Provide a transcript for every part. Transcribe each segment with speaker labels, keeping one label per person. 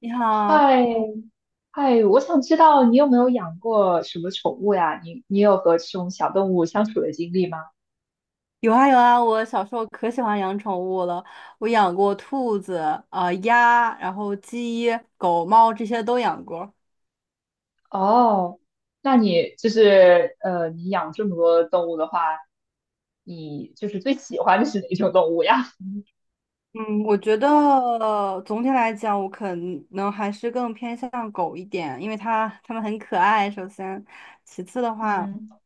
Speaker 1: 你好。
Speaker 2: 嗨，嗨，我想知道你有没有养过什么宠物呀？你有和这种小动物相处的经历吗？
Speaker 1: 有啊有啊，我小时候可喜欢养宠物了，我养过兔子、鸭，然后鸡、狗、猫这些都养过。
Speaker 2: 哦，那你就是你养这么多动物的话，你就是最喜欢的是哪种动物呀？
Speaker 1: 嗯，我觉得总体来讲，我可能还是更偏向狗一点，因为它们很可爱，首先，其次的话，
Speaker 2: 嗯。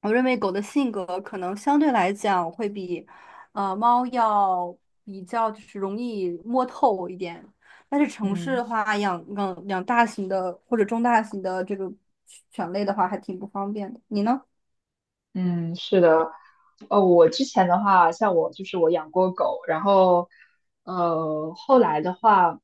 Speaker 1: 我认为狗的性格可能相对来讲会比，猫要比较就是容易摸透一点。但是城市
Speaker 2: 嗯。
Speaker 1: 的话，养大型的或者中大型的这个犬类的话，还挺不方便的。你呢？
Speaker 2: 嗯，是的，我之前的话，像我就是我养过狗，然后，后来的话，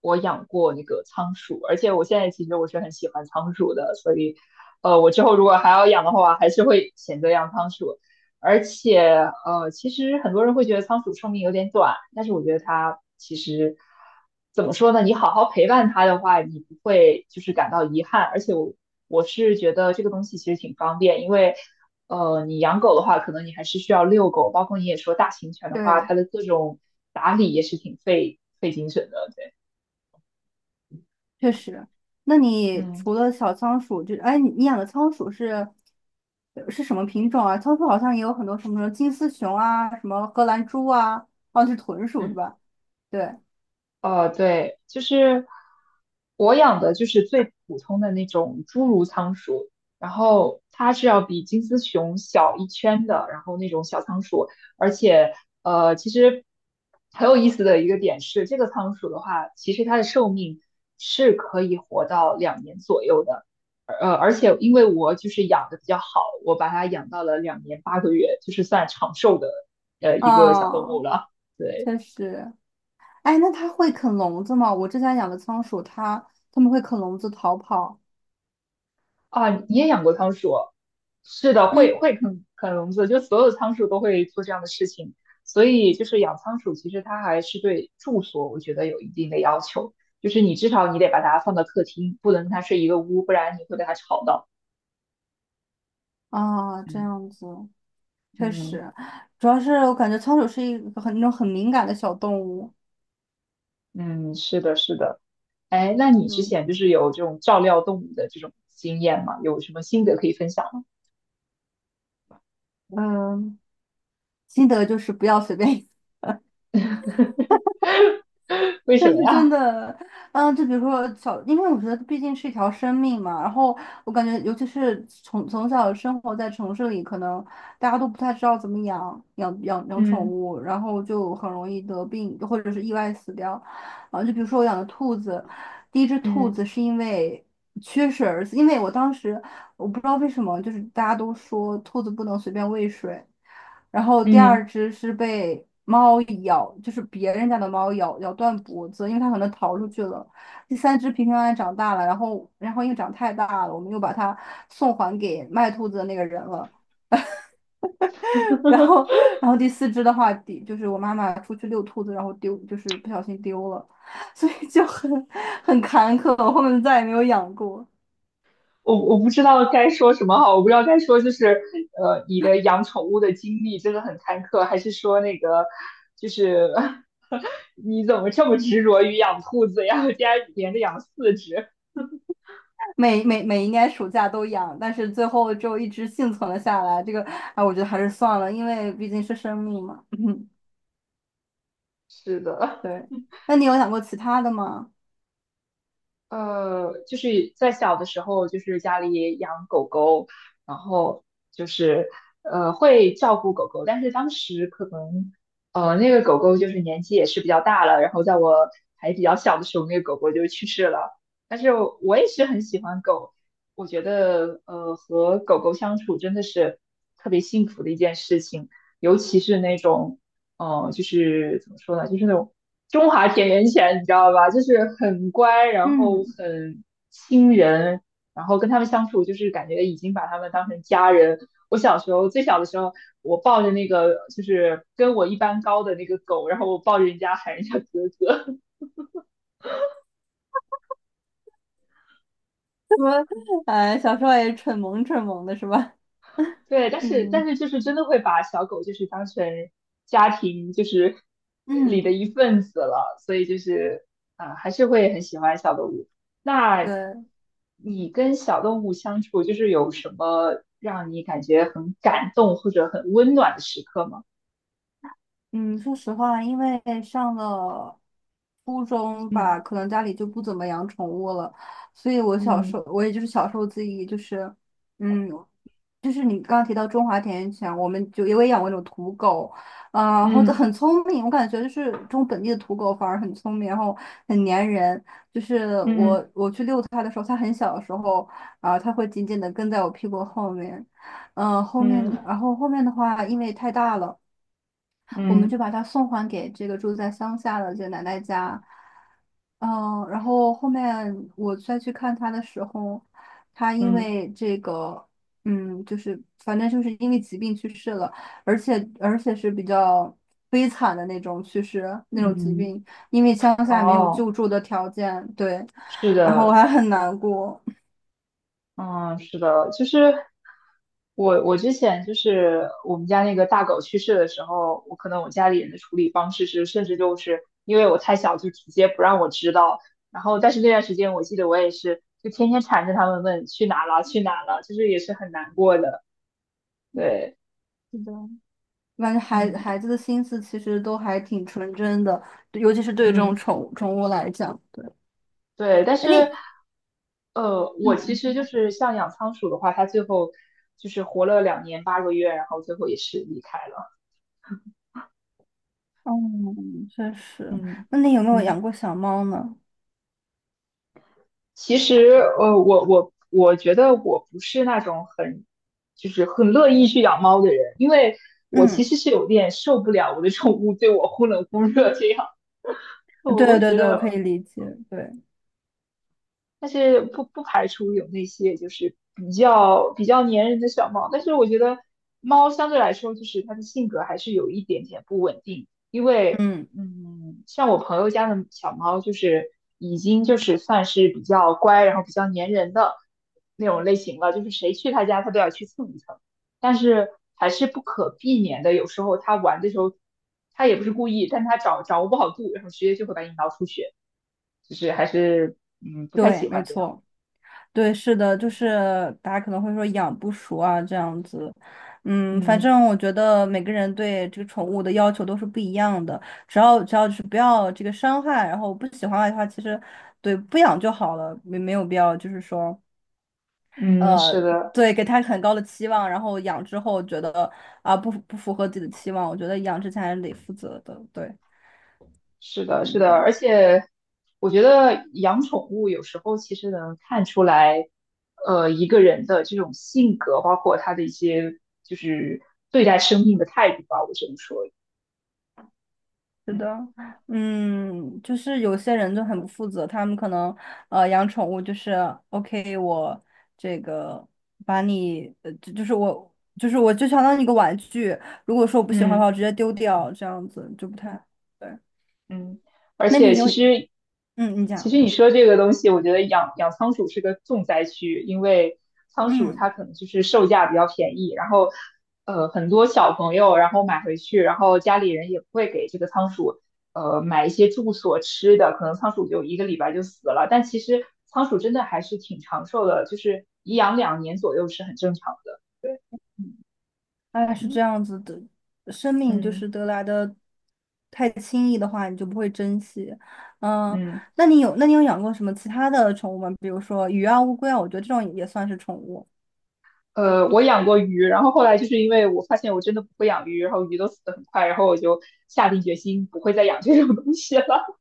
Speaker 2: 我养过那个仓鼠，而且我现在其实我是很喜欢仓鼠的，所以，我之后如果还要养的话，还是会选择养仓鼠，而且，其实很多人会觉得仓鼠寿命有点短，但是我觉得它其实怎么说呢？你好好陪伴它的话，你不会就是感到遗憾，而且我是觉得这个东西其实挺方便，因为。你养狗的话，可能你还是需要遛狗，包括你也说大型犬的话，
Speaker 1: 对，
Speaker 2: 它的各种打理也是挺费精神的，对，
Speaker 1: 确实。那你
Speaker 2: 嗯。
Speaker 1: 除了小仓鼠，就哎，你养的仓鼠是是什么品种啊？仓鼠好像也有很多什么金丝熊啊，什么荷兰猪啊，哦，是豚鼠是
Speaker 2: 嗯。
Speaker 1: 吧？对。
Speaker 2: 对，就是我养的就是最普通的那种侏儒仓鼠，然后它是要比金丝熊小一圈的，然后那种小仓鼠，而且其实很有意思的一个点是，这个仓鼠的话，其实它的寿命是可以活到两年左右的，而且因为我就是养的比较好，我把它养到了两年八个月，就是算长寿的一个小动物
Speaker 1: 哦，
Speaker 2: 了，对。
Speaker 1: 确实。哎，那它会啃笼子吗？我之前养的仓鼠，它们会啃笼子逃跑。
Speaker 2: 啊，你也养过仓鼠？是的，会
Speaker 1: 嗯，
Speaker 2: 会啃笼子，就所有仓鼠都会做这样的事情。所以就是养仓鼠，其实它还是对住所，我觉得有一定的要求，就是你至少你得把它放到客厅，不能跟它睡一个屋，不然你会被它吵到。
Speaker 1: 啊，这
Speaker 2: 嗯
Speaker 1: 样子确
Speaker 2: 嗯
Speaker 1: 实，主要是我感觉仓鼠是一个很那种很敏感的小动物。
Speaker 2: 嗯，是的，是的。哎，那你之
Speaker 1: 嗯，
Speaker 2: 前就是有这种照料动物的这种经验吗？有什么心得可以分享吗？
Speaker 1: 嗯，心得就是不要随便，
Speaker 2: 为
Speaker 1: 但
Speaker 2: 什么
Speaker 1: 是真
Speaker 2: 呀？
Speaker 1: 的，嗯，就比如说小，因为我觉得毕竟是一条生命嘛，然后我感觉，尤其是从小生活在城市里，可能大家都不太知道怎么养宠
Speaker 2: 嗯
Speaker 1: 物，然后就很容易得病或者是意外死掉。啊，就比如说我养的兔子，第一只兔
Speaker 2: 嗯
Speaker 1: 子是因为缺水而死，因为我当时我不知道为什么，就是大家都说兔子不能随便喂水。然后第
Speaker 2: 嗯。
Speaker 1: 二只是被猫咬，就是别人家的猫咬断脖子，因为它可能逃出去了。第三只平平安安长大了，然后因为长太大了，我们又把它送还给卖兔子的那个人了。然后然后第四只的话，第就是我妈妈出去遛兔子，然后丢，就是不小心丢了，所以就很坎坷，我后面再也没有养过。
Speaker 2: 我不知道该说什么好，我不知道该说就是你的养宠物的经历真的很坎坷，还是说那个就是 你怎么这么执着于养兔子呀？我家连着养四只。
Speaker 1: 每每每一年暑假都养，但是最后就一直幸存了下来。这个，啊，我觉得还是算了，因为毕竟是生命嘛。嗯，
Speaker 2: 是的，
Speaker 1: 对。那你有养过其他的吗？
Speaker 2: 就是在小的时候，就是家里养狗狗，然后就是会照顾狗狗，但是当时可能那个狗狗就是年纪也是比较大了，然后在我还比较小的时候，那个狗狗就去世了。但是我也是很喜欢狗，我觉得和狗狗相处真的是特别幸福的一件事情，尤其是那种哦，就是怎么说呢，就是那种中华田园犬，你知道吧？就是很乖，然后
Speaker 1: 嗯
Speaker 2: 很亲人，然后跟他们相处，就是感觉已经把他们当成家人。我小时候最小的时候，我抱着那个就是跟我一般高的那个狗，然后我抱着人家喊人家哥哥，
Speaker 1: 什么？哎，小时候也蠢萌蠢萌的是吧？
Speaker 2: 对，但是但
Speaker 1: 嗯
Speaker 2: 是就是真的会把小狗就是当成家庭就是里的
Speaker 1: 嗯，
Speaker 2: 一份子了，所以就是啊、还是会很喜欢小动物。那
Speaker 1: 对。
Speaker 2: 你跟小动物相处，就是有什么让你感觉很感动或者很温暖的时刻吗？
Speaker 1: 嗯，说实话，因为上了初中吧，
Speaker 2: 嗯
Speaker 1: 可能家里就不怎么养宠物了，所以我小时
Speaker 2: 嗯
Speaker 1: 候，我也就是小时候自己就是，嗯，就是你刚刚提到中华田园犬，我们就也有养过那种土狗，啊、然后就
Speaker 2: 嗯
Speaker 1: 很聪明，我感觉就是中本地的土狗反而很聪明，然后很粘人，就是我
Speaker 2: 嗯
Speaker 1: 我去遛它的时候，它很小的时候啊、它会紧紧的跟在我屁股后面，嗯、后面
Speaker 2: 嗯
Speaker 1: 然后后面的话，因为太大了。我们就
Speaker 2: 嗯
Speaker 1: 把它送还给这个住在乡下的这个奶奶家。嗯，然后后面我再去看他的时候，他因
Speaker 2: 嗯
Speaker 1: 为这个，嗯，就是反正就是因为疾病去世了，而且是比较悲惨的那种去世，那
Speaker 2: 嗯，
Speaker 1: 种疾
Speaker 2: 嗯
Speaker 1: 病，因为乡下没有
Speaker 2: 哦，
Speaker 1: 救助的条件，对，
Speaker 2: 是
Speaker 1: 然后我
Speaker 2: 的，
Speaker 1: 还很难过。
Speaker 2: 嗯，是的，就是我之前就是我们家那个大狗去世的时候，我可能我家里人的处理方式是，甚至就是因为我太小，就直接不让我知道。然后，但是那段时间我记得我也是，就天天缠着他们问去哪了，去哪了，就是也是很难过的。对，
Speaker 1: 是的，我感觉孩
Speaker 2: 嗯
Speaker 1: 孩子的心思其实都还挺纯真的，尤其是对这种
Speaker 2: 嗯，
Speaker 1: 宠物来讲，对。
Speaker 2: 对，但
Speaker 1: 哎那
Speaker 2: 是。
Speaker 1: 你嗯
Speaker 2: 我其
Speaker 1: 嗯
Speaker 2: 实
Speaker 1: 嗯，
Speaker 2: 就是像养仓鼠的话，它最后就是活了两年八个月，然后最后也是离开了。
Speaker 1: 哦确实。
Speaker 2: 嗯
Speaker 1: 那你有没有养
Speaker 2: 嗯。
Speaker 1: 过小猫呢？
Speaker 2: 其实，我觉得我不是那种很，就是很乐意去养猫的人，因为我其
Speaker 1: 嗯，
Speaker 2: 实是有点受不了我的宠物对我忽冷忽热这样。我
Speaker 1: 对
Speaker 2: 我
Speaker 1: 对
Speaker 2: 觉
Speaker 1: 对，我可
Speaker 2: 得
Speaker 1: 以理解。对，
Speaker 2: 但是不排除有那些就是比较粘人的小猫，但是我觉得猫相对来说就是它的性格还是有一点点不稳定，因为
Speaker 1: 嗯，
Speaker 2: 嗯，像我朋友家的小猫就是已经就是算是比较乖，然后比较粘人的那种类型了，就是谁去他家它都要去蹭一蹭，但是还是不可避免的，有时候它玩的时候它也不是故意，但它掌握不好度，然后直接就会把你挠出血，就是还是嗯不太
Speaker 1: 对，
Speaker 2: 喜
Speaker 1: 没
Speaker 2: 欢这样。
Speaker 1: 错，对，是的，就是大家可能会说养不熟啊这样子。嗯，反
Speaker 2: 嗯
Speaker 1: 正我觉得每个人对这个宠物的要求都是不一样的，只要就是不要这个伤害，然后不喜欢的话，其实对不养就好了，没有必要就是说。
Speaker 2: 嗯，
Speaker 1: 呃，
Speaker 2: 是的，
Speaker 1: 对，给他很高的期望，然后养之后觉得啊、不符合自己的期望，我觉得养之前还是得负责的，对，
Speaker 2: 是的，是的，
Speaker 1: 嗯，
Speaker 2: 而且我觉得养宠物有时候其实能看出来，一个人的这种性格，包括他的一些就是对待生命的态度吧，我只能说，
Speaker 1: 是
Speaker 2: 嗯
Speaker 1: 的，嗯，就是有些人就很不负责，他们可能养宠物就是 OK，我这个把你就是我就相当于一个玩具，如果说我不喜欢的
Speaker 2: 嗯。
Speaker 1: 话，我直接丢掉，这样子就不太对。
Speaker 2: 嗯，而
Speaker 1: 那
Speaker 2: 且
Speaker 1: 你有
Speaker 2: 其实，
Speaker 1: 嗯，你
Speaker 2: 其
Speaker 1: 讲
Speaker 2: 实你说这个东西，我觉得养仓鼠是个重灾区，因为仓鼠
Speaker 1: 嗯。
Speaker 2: 它可能就是售价比较便宜，然后很多小朋友然后买回去，然后家里人也不会给这个仓鼠买一些住所吃的，可能仓鼠就一个礼拜就死了。但其实仓鼠真的还是挺长寿的，就是颐养两年左右是很正常的。对，
Speaker 1: 哎，是这
Speaker 2: 嗯
Speaker 1: 样子的，生命就
Speaker 2: 嗯
Speaker 1: 是得来的太轻易的话，你就不会珍惜。嗯，
Speaker 2: 嗯。
Speaker 1: 那你有养过什么其他的宠物吗？比如说鱼啊、乌龟啊，我觉得这种也算是宠物。
Speaker 2: 我养过鱼，然后后来就是因为我发现我真的不会养鱼，然后鱼都死得很快，然后我就下定决心不会再养这种东西了。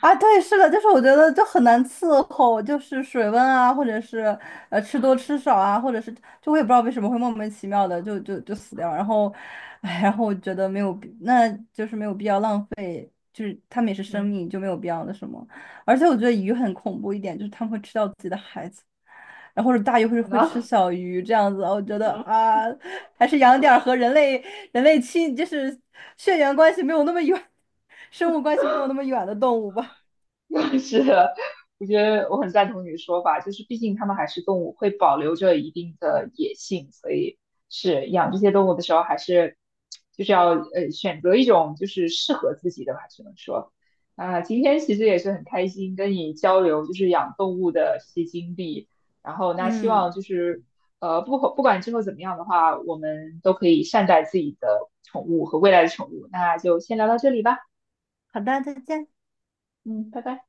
Speaker 1: 啊，对，是的，就是我觉得就很难伺候，就是水温啊，或者是吃多吃少啊，或者是就我也不知道为什么会莫名其妙的就死掉，然后，哎，然后我觉得没有必，那就是没有必要浪费。就是他们也是生
Speaker 2: 嗯，
Speaker 1: 命，就没有必要的什么。而且我觉得鱼很恐怖一点，就是他们会吃掉自己的孩子，然后或者大鱼 会
Speaker 2: 天
Speaker 1: 会吃
Speaker 2: 呐，
Speaker 1: 小鱼这样子。我觉得
Speaker 2: 嗯。
Speaker 1: 啊，还是养点儿和人类亲，就是血缘关系没有那么远，生物关系没有那么远的动物吧。
Speaker 2: 是的，我觉得我很赞同你的说法，就是毕竟它们还是动物，会保留着一定的野性，所以是养这些动物的时候，还是就是要选择一种就是适合自己的吧，只能说啊、今天其实也是很开心跟你交流，就是养动物的这些经历，然后那希
Speaker 1: 嗯，
Speaker 2: 望就是不管之后怎么样的话，我们都可以善待自己的宠物和未来的宠物，那就先聊到这里吧，
Speaker 1: 好的，再见。
Speaker 2: 嗯，拜拜。